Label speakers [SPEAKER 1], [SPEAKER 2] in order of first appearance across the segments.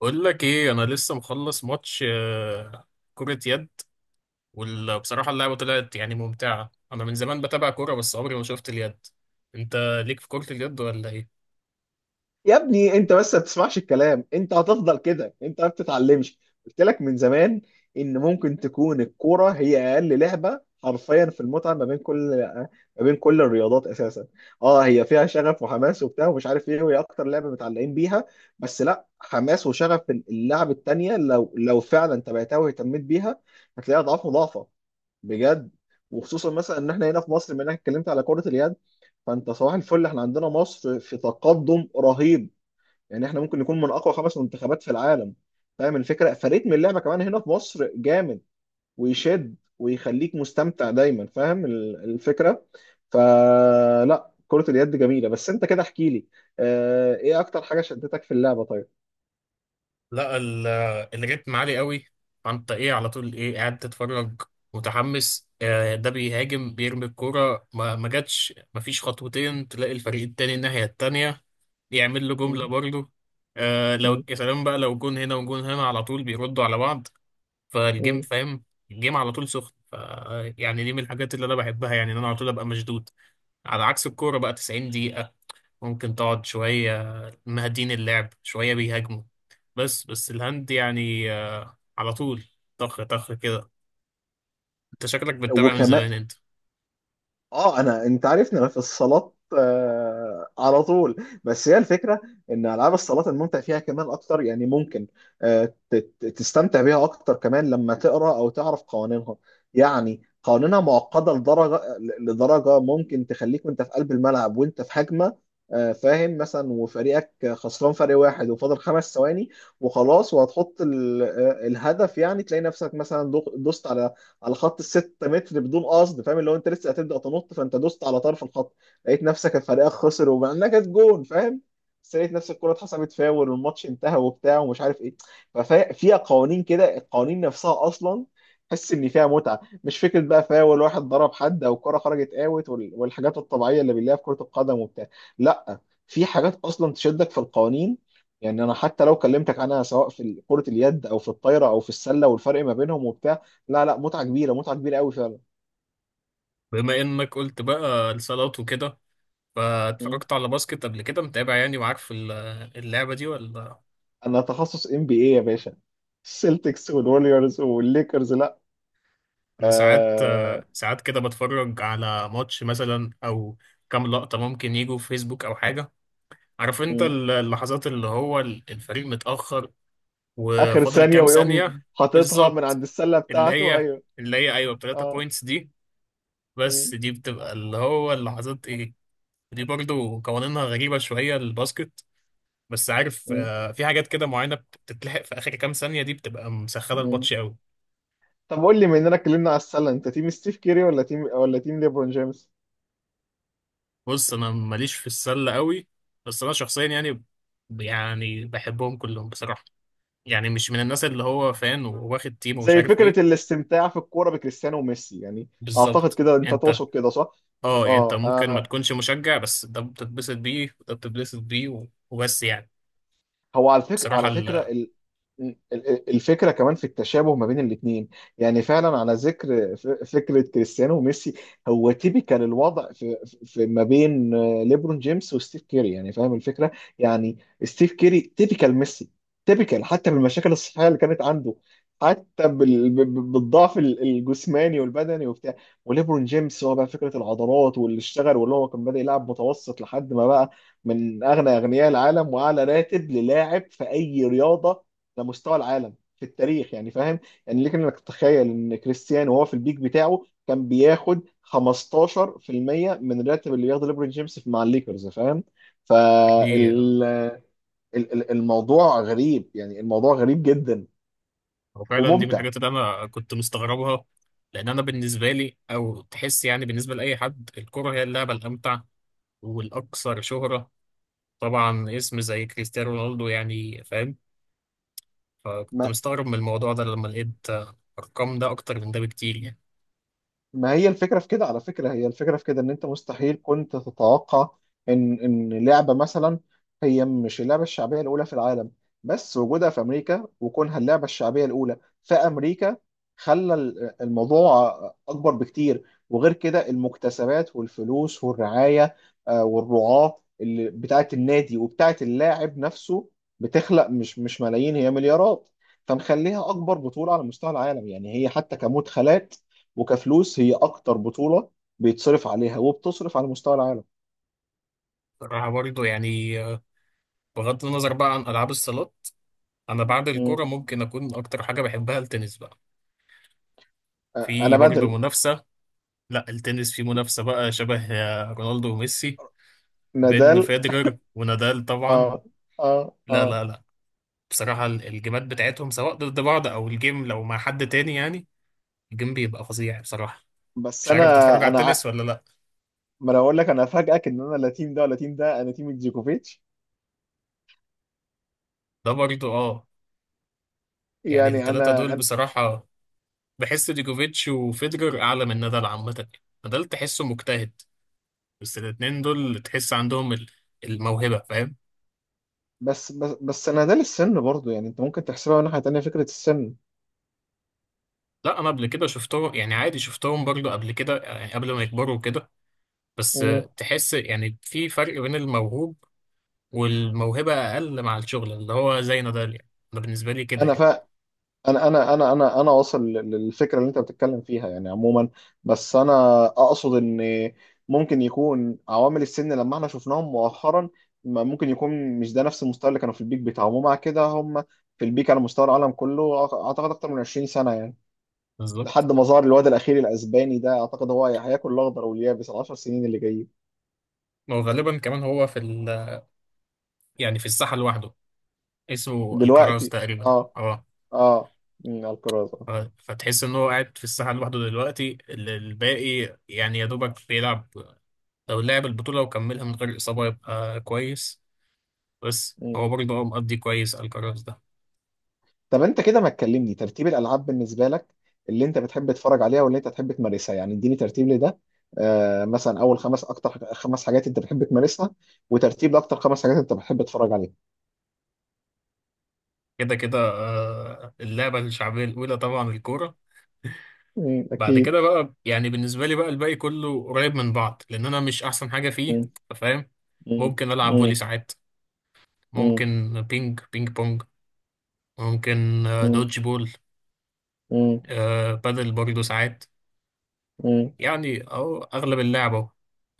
[SPEAKER 1] بقول لك ايه، انا لسه مخلص ماتش كرة يد. وبصراحة اللعبة طلعت يعني ممتعة. انا من زمان بتابع كورة بس عمري ما شفت اليد. انت ليك في كرة اليد ولا ايه؟
[SPEAKER 2] يا ابني، انت بس ما بتسمعش الكلام. انت هتفضل كده، انت ما بتتعلمش. قلت لك من زمان ان ممكن تكون الكوره هي اقل لعبه حرفيا في المتعه ما بين كل الرياضات اساسا. اه، هي فيها شغف وحماس وبتاع ومش عارف ايه، وهي اكتر لعبه متعلقين بيها. بس لا، حماس وشغف اللعب التانيه لو فعلا تبعتها واهتميت بيها، هتلاقيها اضعاف مضاعفه، بجد. وخصوصا مثلا ان احنا هنا في مصر، بما انك اتكلمت على كره اليد، فانت صباح الفل، احنا عندنا مصر في تقدم رهيب. يعني احنا ممكن نكون من اقوى خمس منتخبات في العالم، فاهم الفكره؟ فريتم اللعبه كمان هنا في مصر جامد، ويشد ويخليك مستمتع دايما، فاهم الفكره؟ فلا، كرة اليد جميلة. بس انت كده احكي لي، اه، ايه اكتر حاجة شدتك في اللعبة طيب؟
[SPEAKER 1] لا الريتم عالي قوي، فانت ايه على طول ايه قاعد تتفرج متحمس. ده بيهاجم بيرمي الكورة ما جاتش، ما فيش خطوتين تلاقي الفريق التاني الناحية التانية يعمل له جملة
[SPEAKER 2] مم.
[SPEAKER 1] برضه. آه لو
[SPEAKER 2] مم.
[SPEAKER 1] يا سلام بقى، لو جون هنا وجون هنا على طول بيردوا على بعض، فالجيم،
[SPEAKER 2] مم.
[SPEAKER 1] فاهم، الجيم على طول سخن. ف يعني دي من الحاجات اللي انا بحبها، يعني ان انا على طول ابقى مشدود. على عكس الكوره بقى، 90 دقيقه ممكن تقعد شويه مهدين اللعب شويه بيهاجموا. بس الهند يعني على طول طخ طخ كده. انت شكلك بتتابع من
[SPEAKER 2] وكمان
[SPEAKER 1] زمان انت.
[SPEAKER 2] اه، انا انت عارفني، انا في الصالات آه على طول. بس هي الفكره ان العاب الصالات الممتع فيها كمان اكتر، يعني ممكن تستمتع بيها اكتر كمان لما تقرا او تعرف قوانينها. يعني قوانينها معقده لدرجه، ممكن تخليك وانت في قلب الملعب، وانت في هجمه، آه، فاهم؟ مثلا وفريقك خسران فريق واحد وفاضل خمس ثواني وخلاص، وهتحط الهدف، يعني تلاقي نفسك مثلا دوست على خط الستة متر بدون قصد، فاهم؟ اللي هو انت لسه هتبدا تنط فانت دوست على طرف الخط، لقيت نفسك الفريق خسر. ومع انها كانت جون، فاهم، بس لقيت نفس الكرة اتحسبت فاول، والماتش انتهى وبتاع ومش عارف ايه. ففيها قوانين كده، القوانين نفسها اصلا تحس ان فيها متعه، مش فكره بقى فاول واحد ضرب حد او الكره خرجت اوت والحاجات الطبيعيه اللي بنلاقيها في كره القدم وبتاع. لا، في حاجات اصلا تشدك في القوانين. يعني انا حتى لو كلمتك عنها، سواء في كره اليد او في الطايره او في السله والفرق ما بينهم وبتاع، لا لا، متعه كبيره، متعه كبيره قوي فعلا.
[SPEAKER 1] بما انك قلت بقى الصالات وكده،
[SPEAKER 2] مم.
[SPEAKER 1] فاتفرجت على باسكت قبل كده؟ متابع يعني وعارف اللعبه دي ولا؟
[SPEAKER 2] انا تخصص ام بي اي يا باشا، السلتكس والوريورز والليكرز، لا.
[SPEAKER 1] انا ساعات
[SPEAKER 2] آه.
[SPEAKER 1] ساعات كده بتفرج على ماتش مثلا او كام لقطة ممكن يجوا في فيسبوك او حاجة. عارف انت
[SPEAKER 2] مم.
[SPEAKER 1] اللحظات اللي هو الفريق متأخر
[SPEAKER 2] اخر
[SPEAKER 1] وفاضل
[SPEAKER 2] ثانيه
[SPEAKER 1] كام
[SPEAKER 2] ويقوم
[SPEAKER 1] ثانية.
[SPEAKER 2] حاططها من
[SPEAKER 1] بالظبط.
[SPEAKER 2] عند السله
[SPEAKER 1] اللي
[SPEAKER 2] بتاعته،
[SPEAKER 1] هي
[SPEAKER 2] ايوه.
[SPEAKER 1] اللي هي ايوه، بتلاتة
[SPEAKER 2] اه.
[SPEAKER 1] بوينتس دي. بس
[SPEAKER 2] مم.
[SPEAKER 1] دي بتبقى اللي هو اللحظات ايه. دي برضو قوانينها غريبة شوية الباسكت، بس عارف
[SPEAKER 2] مم.
[SPEAKER 1] في حاجات كده معينة بتتلحق في آخر كام ثانية دي بتبقى مسخنة
[SPEAKER 2] مم.
[SPEAKER 1] الماتش قوي.
[SPEAKER 2] طب قول لي، مننا اتكلمنا على السله، انت تيم ستيف كيري ولا تيم ليبرون جيمس؟
[SPEAKER 1] بص انا ماليش في السله قوي، بس انا شخصيا يعني، يعني بحبهم كلهم بصراحه. يعني مش من الناس اللي هو فان وواخد تيم ومش
[SPEAKER 2] زي
[SPEAKER 1] عارف
[SPEAKER 2] فكره
[SPEAKER 1] ايه.
[SPEAKER 2] الاستمتاع في الكوره بكريستيانو وميسي، يعني اعتقد
[SPEAKER 1] بالظبط
[SPEAKER 2] كده انت
[SPEAKER 1] انت.
[SPEAKER 2] تقصد كده، صح؟
[SPEAKER 1] اه يعني انت
[SPEAKER 2] اه.
[SPEAKER 1] ممكن ما
[SPEAKER 2] آه.
[SPEAKER 1] تكونش مشجع بس ده بتتبسط بيه وده بتتبسط بيه وبس يعني.
[SPEAKER 2] هو على فكرة،
[SPEAKER 1] بصراحه
[SPEAKER 2] على فكرة،
[SPEAKER 1] ال...
[SPEAKER 2] الفكرة كمان في التشابه ما بين الاتنين. يعني فعلا على ذكر فكرة كريستيانو وميسي، هو تيبيكال الوضع في، في ما بين آه، ليبرون جيمس وستيف كيري، يعني فاهم الفكرة. يعني ستيف كيري تيبيكال ميسي، تيبيكال حتى بالمشاكل الصحية اللي كانت عنده، حتى بالضعف الجسماني والبدني وبتاع. وليبرون جيمس هو بقى فكرة العضلات واللي اشتغل، واللي هو كان بادئ يلعب متوسط لحد ما بقى من اغنى اغنياء العالم، واعلى راتب للاعب في اي رياضه على مستوى العالم في التاريخ، يعني فاهم؟ يعني ليك انك تتخيل ان كريستيانو وهو في البيك بتاعه كان بياخد 15% من الراتب اللي بياخده ليبرون جيمس مع الليكرز، فاهم؟
[SPEAKER 1] دي
[SPEAKER 2] فال الموضوع غريب، يعني الموضوع غريب جدا
[SPEAKER 1] هو فعلا دي من
[SPEAKER 2] وممتع.
[SPEAKER 1] الحاجات اللي انا كنت مستغربها، لان انا بالنسبه لي او تحس يعني بالنسبه لاي حد الكره هي اللعبه الامتع والاكثر شهره، طبعا اسم زي كريستيانو رونالدو يعني فاهم. فكنت
[SPEAKER 2] ما
[SPEAKER 1] مستغرب من الموضوع ده لما لقيت أرقام ده أكتر من ده بكتير يعني.
[SPEAKER 2] ما هي الفكرة في كده، على فكرة، هي الفكرة في كده ان انت مستحيل كنت تتوقع ان لعبة مثلا هي مش اللعبة الشعبية الاولى في العالم، بس وجودها في امريكا وكونها اللعبة الشعبية الاولى في امريكا، خلى الموضوع اكبر بكتير. وغير كده المكتسبات والفلوس والرعاية، آه، والرعاة اللي بتاعت النادي وبتاعت اللاعب نفسه، بتخلق مش ملايين، هي مليارات. فمخليها اكبر بطولة على مستوى العالم، يعني هي حتى كمدخلات وكفلوس هي اكتر بطوله بيتصرف عليها وبتصرف على مستوى العالم.
[SPEAKER 1] صراحة برضه يعني، بغض النظر بقى عن ألعاب الصالات، أنا بعد
[SPEAKER 2] مم.
[SPEAKER 1] الكورة ممكن أكون أكتر حاجة بحبها التنس بقى.
[SPEAKER 2] آه،
[SPEAKER 1] في
[SPEAKER 2] انا
[SPEAKER 1] برضه
[SPEAKER 2] بدل
[SPEAKER 1] منافسة. لا التنس في منافسة بقى شبه رونالدو وميسي، بين
[SPEAKER 2] نادال.
[SPEAKER 1] فيدرر ونادال طبعا.
[SPEAKER 2] اه، اه،
[SPEAKER 1] لا لا
[SPEAKER 2] اه،
[SPEAKER 1] لا بصراحة الجيمات بتاعتهم سواء ضد بعض أو الجيم لو مع حد تاني يعني الجيم بيبقى فظيع بصراحة.
[SPEAKER 2] بس
[SPEAKER 1] مش عارف بتتفرج على
[SPEAKER 2] انا ع-
[SPEAKER 1] التنس ولا لا؟
[SPEAKER 2] ما انا اقول لك، انا افاجئك ان انا لا تيم ده ولا تيم ده، انا تيم جوكوفيتش.
[SPEAKER 1] ده برضه اه. يعني
[SPEAKER 2] يعني
[SPEAKER 1] التلاتة
[SPEAKER 2] انا
[SPEAKER 1] دول
[SPEAKER 2] أنا-
[SPEAKER 1] بصراحة، بحس ديجوفيتش وفيدرر اعلى من نادال عامه. نادال تحسه مجتهد، بس الاتنين دول تحس عندهم الموهبه، فاهم.
[SPEAKER 2] بس نادال، السن برضه، يعني انت ممكن تحسبها من ناحيه تانيه، فكره السن.
[SPEAKER 1] لا انا قبل كده شفتهم يعني عادي، شفتهم برضو قبل كده يعني قبل ما يكبروا كده. بس
[SPEAKER 2] مم.
[SPEAKER 1] تحس يعني في فرق بين الموهوب والموهبه اقل مع الشغل اللي هو زي نادال، يعني انا بالنسبه لي كده
[SPEAKER 2] انا
[SPEAKER 1] يعني.
[SPEAKER 2] فا انا انا انا انا انا واصل للفكره اللي انت بتتكلم فيها، يعني عموما. بس انا اقصد ان ممكن يكون عوامل السن لما احنا شفناهم مؤخرا، ما ممكن يكون مش ده نفس المستوى اللي كانوا في البيك بتاعهم. ومع كده هم في البيك على مستوى العالم كله، اعتقد اكتر من 20 سنه، يعني
[SPEAKER 1] بالظبط.
[SPEAKER 2] لحد ما ظهر الواد الاخير الاسباني ده. اعتقد هو هياكل الاخضر واليابس ال 10 سنين اللي جايين
[SPEAKER 1] وغالبا كمان هو في ال، يعني في الساحه لوحده، اسمه الكراس
[SPEAKER 2] دلوقتي.
[SPEAKER 1] تقريبا
[SPEAKER 2] اه،
[SPEAKER 1] اه.
[SPEAKER 2] اه، مم، الكرازه.
[SPEAKER 1] فتحس ان هو قاعد في الساحه لوحده دلوقتي، الباقي يعني يا دوبك بيلعب. لو لعب البطوله وكملها من غير اصابه يبقى كويس. بس هو برضه هو مقضي كويس الكراس ده.
[SPEAKER 2] طب انت كده ما تكلمني ترتيب الالعاب بالنسبه لك، اللي انت بتحب تتفرج عليها واللي انت تحب تمارسها، يعني اديني ترتيب لده. آه، مثلا اول خمس، اكتر خمس حاجات انت بتحب تمارسها، وترتيب لاكتر خمس حاجات انت بتحب تتفرج عليها.
[SPEAKER 1] كده اللعبه الشعبيه الاولى طبعا الكوره.
[SPEAKER 2] مم،
[SPEAKER 1] بعد
[SPEAKER 2] اكيد.
[SPEAKER 1] كده بقى يعني بالنسبه لي بقى الباقي كله قريب من بعض لان انا مش احسن حاجه فيه،
[SPEAKER 2] مم.
[SPEAKER 1] فاهم.
[SPEAKER 2] مم.
[SPEAKER 1] ممكن العب فولي
[SPEAKER 2] مم.
[SPEAKER 1] ساعات،
[SPEAKER 2] مم.
[SPEAKER 1] ممكن بينج بينج بونج، ممكن دوج بول،
[SPEAKER 2] مم.
[SPEAKER 1] بادل برضه ساعات.
[SPEAKER 2] مم.
[SPEAKER 1] يعني أو أغلب اللعب أهو.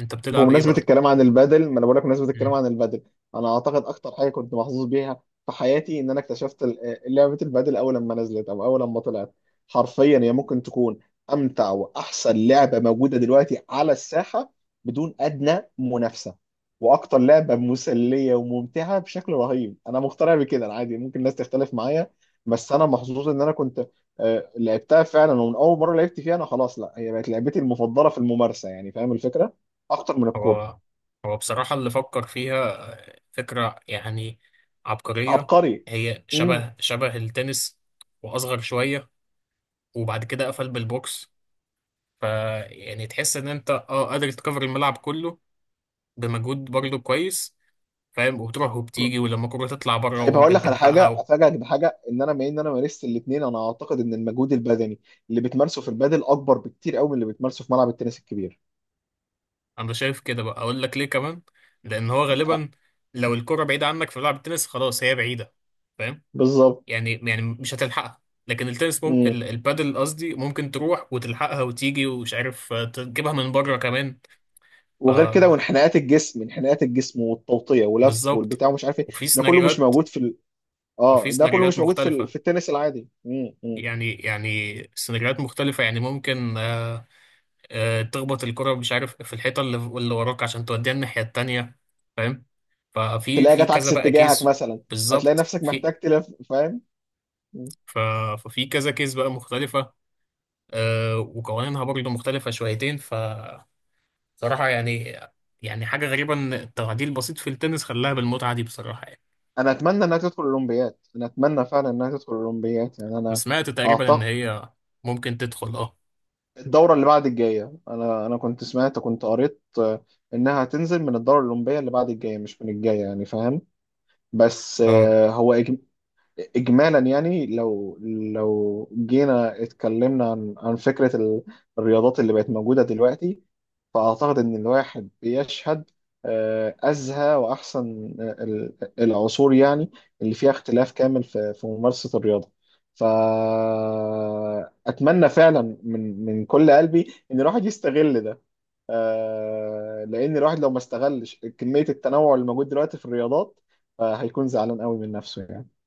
[SPEAKER 1] أنت بتلعب إيه
[SPEAKER 2] بمناسبة
[SPEAKER 1] بقى؟
[SPEAKER 2] الكلام عن البادل، ما انا بقول لك، بمناسبة الكلام
[SPEAKER 1] مم.
[SPEAKER 2] عن البادل، انا اعتقد اكتر حاجة كنت محظوظ بيها في حياتي ان انا اكتشفت لعبة البادل. اول لما نزلت او اول لما طلعت، حرفيا هي ممكن تكون امتع واحسن لعبة موجودة دلوقتي على الساحة بدون ادنى منافسة، واكتر لعبة مسلية وممتعة بشكل رهيب. انا مقتنع بكده، انا عادي ممكن الناس تختلف معايا. بس انا محظوظ ان انا كنت آه، لعبتها فعلا. ومن اول مرة لعبت فيها انا خلاص، لا، هي بقت لعبتي المفضلة في الممارسة، يعني فاهم الفكرة. اخطر من الكوره.
[SPEAKER 1] هو هو بصراحة اللي فكر فيها فكرة يعني عبقرية.
[SPEAKER 2] عبقري.
[SPEAKER 1] هي
[SPEAKER 2] امم.
[SPEAKER 1] شبه التنس وأصغر شوية، وبعد كده قفل بالبوكس، فيعني تحس إن أنت أه قادر تكفر الملعب كله بمجهود برضه كويس، فاهم. وبتروح وبتيجي ولما الكورة تطلع بره
[SPEAKER 2] طيب هقول
[SPEAKER 1] وممكن
[SPEAKER 2] لك على
[SPEAKER 1] تلحقها
[SPEAKER 2] حاجه،
[SPEAKER 1] و...
[SPEAKER 2] افاجئك بحاجه، ان انا بما ان انا مارست الاثنين، انا اعتقد ان المجهود البدني اللي بتمارسه في البادل اكبر بكتير قوي من اللي بتمارسه في ملعب التنس الكبير.
[SPEAKER 1] أنا شايف كده بقى، أقول لك ليه كمان. لأن هو
[SPEAKER 2] أ-
[SPEAKER 1] غالبا لو الكرة بعيدة عنك في ملعب التنس خلاص هي بعيدة، فاهم.
[SPEAKER 2] بالظبط.
[SPEAKER 1] يعني يعني مش هتلحقها، لكن التنس
[SPEAKER 2] امم.
[SPEAKER 1] ممكن البادل قصدي ممكن تروح وتلحقها وتيجي ومش عارف تجيبها من بره كمان. ف
[SPEAKER 2] وغير كده، وانحناءات الجسم، انحناءات الجسم والتوطيه ولف
[SPEAKER 1] بالظبط.
[SPEAKER 2] والبتاع ومش عارف ايه،
[SPEAKER 1] وفي
[SPEAKER 2] ده كله مش
[SPEAKER 1] سيناريوهات،
[SPEAKER 2] موجود في
[SPEAKER 1] وفي
[SPEAKER 2] اه، ده كله
[SPEAKER 1] سيناريوهات
[SPEAKER 2] مش موجود في
[SPEAKER 1] مختلفة
[SPEAKER 2] في التنس العادي. امم.
[SPEAKER 1] يعني يعني، سيناريوهات مختلفة يعني ممكن تخبط الكرة مش عارف في الحيطة اللي وراك عشان توديها الناحية التانية، فاهم. ففي
[SPEAKER 2] تلاقي
[SPEAKER 1] في
[SPEAKER 2] جت
[SPEAKER 1] كذا
[SPEAKER 2] عكس
[SPEAKER 1] بقى
[SPEAKER 2] اتجاهك
[SPEAKER 1] كيس.
[SPEAKER 2] مثلا، فتلاقي
[SPEAKER 1] بالظبط.
[SPEAKER 2] نفسك
[SPEAKER 1] في
[SPEAKER 2] محتاج تلف، فاهم.
[SPEAKER 1] ف- ففي كذا كيس بقى مختلفة، وقوانينها برضه مختلفة شويتين. ف صراحة يعني، يعني حاجة غريبة إن التعديل البسيط في التنس خلاها بالمتعة دي بصراحة يعني.
[SPEAKER 2] انا اتمنى انها تدخل الاولمبياد، انا اتمنى فعلا انها تدخل الاولمبياد، يعني
[SPEAKER 1] أنا
[SPEAKER 2] انا
[SPEAKER 1] سمعت تقريبا إن
[SPEAKER 2] اعتقد
[SPEAKER 1] هي ممكن تدخل
[SPEAKER 2] الدوره اللي بعد الجايه. انا كنت سمعت، كنت قريت، آه، انها هتنزل من الدوره الاولمبيه اللي بعد الجايه، مش من الجايه، يعني فاهم. بس
[SPEAKER 1] أه
[SPEAKER 2] آه، هو اجمالا، يعني لو جينا اتكلمنا عن فكره الرياضات اللي بقت موجوده دلوقتي، فاعتقد ان الواحد بيشهد آه، ازهى واحسن آه، العصور، يعني اللي فيها اختلاف كامل في ممارسه الرياضه. فاتمنى فعلا من كل قلبي ان الواحد يستغل ده، آه، لان الواحد لو ما استغلش كميه التنوع اللي موجود دلوقتي في الرياضات، آه، هيكون زعلان قوي من نفسه يعني.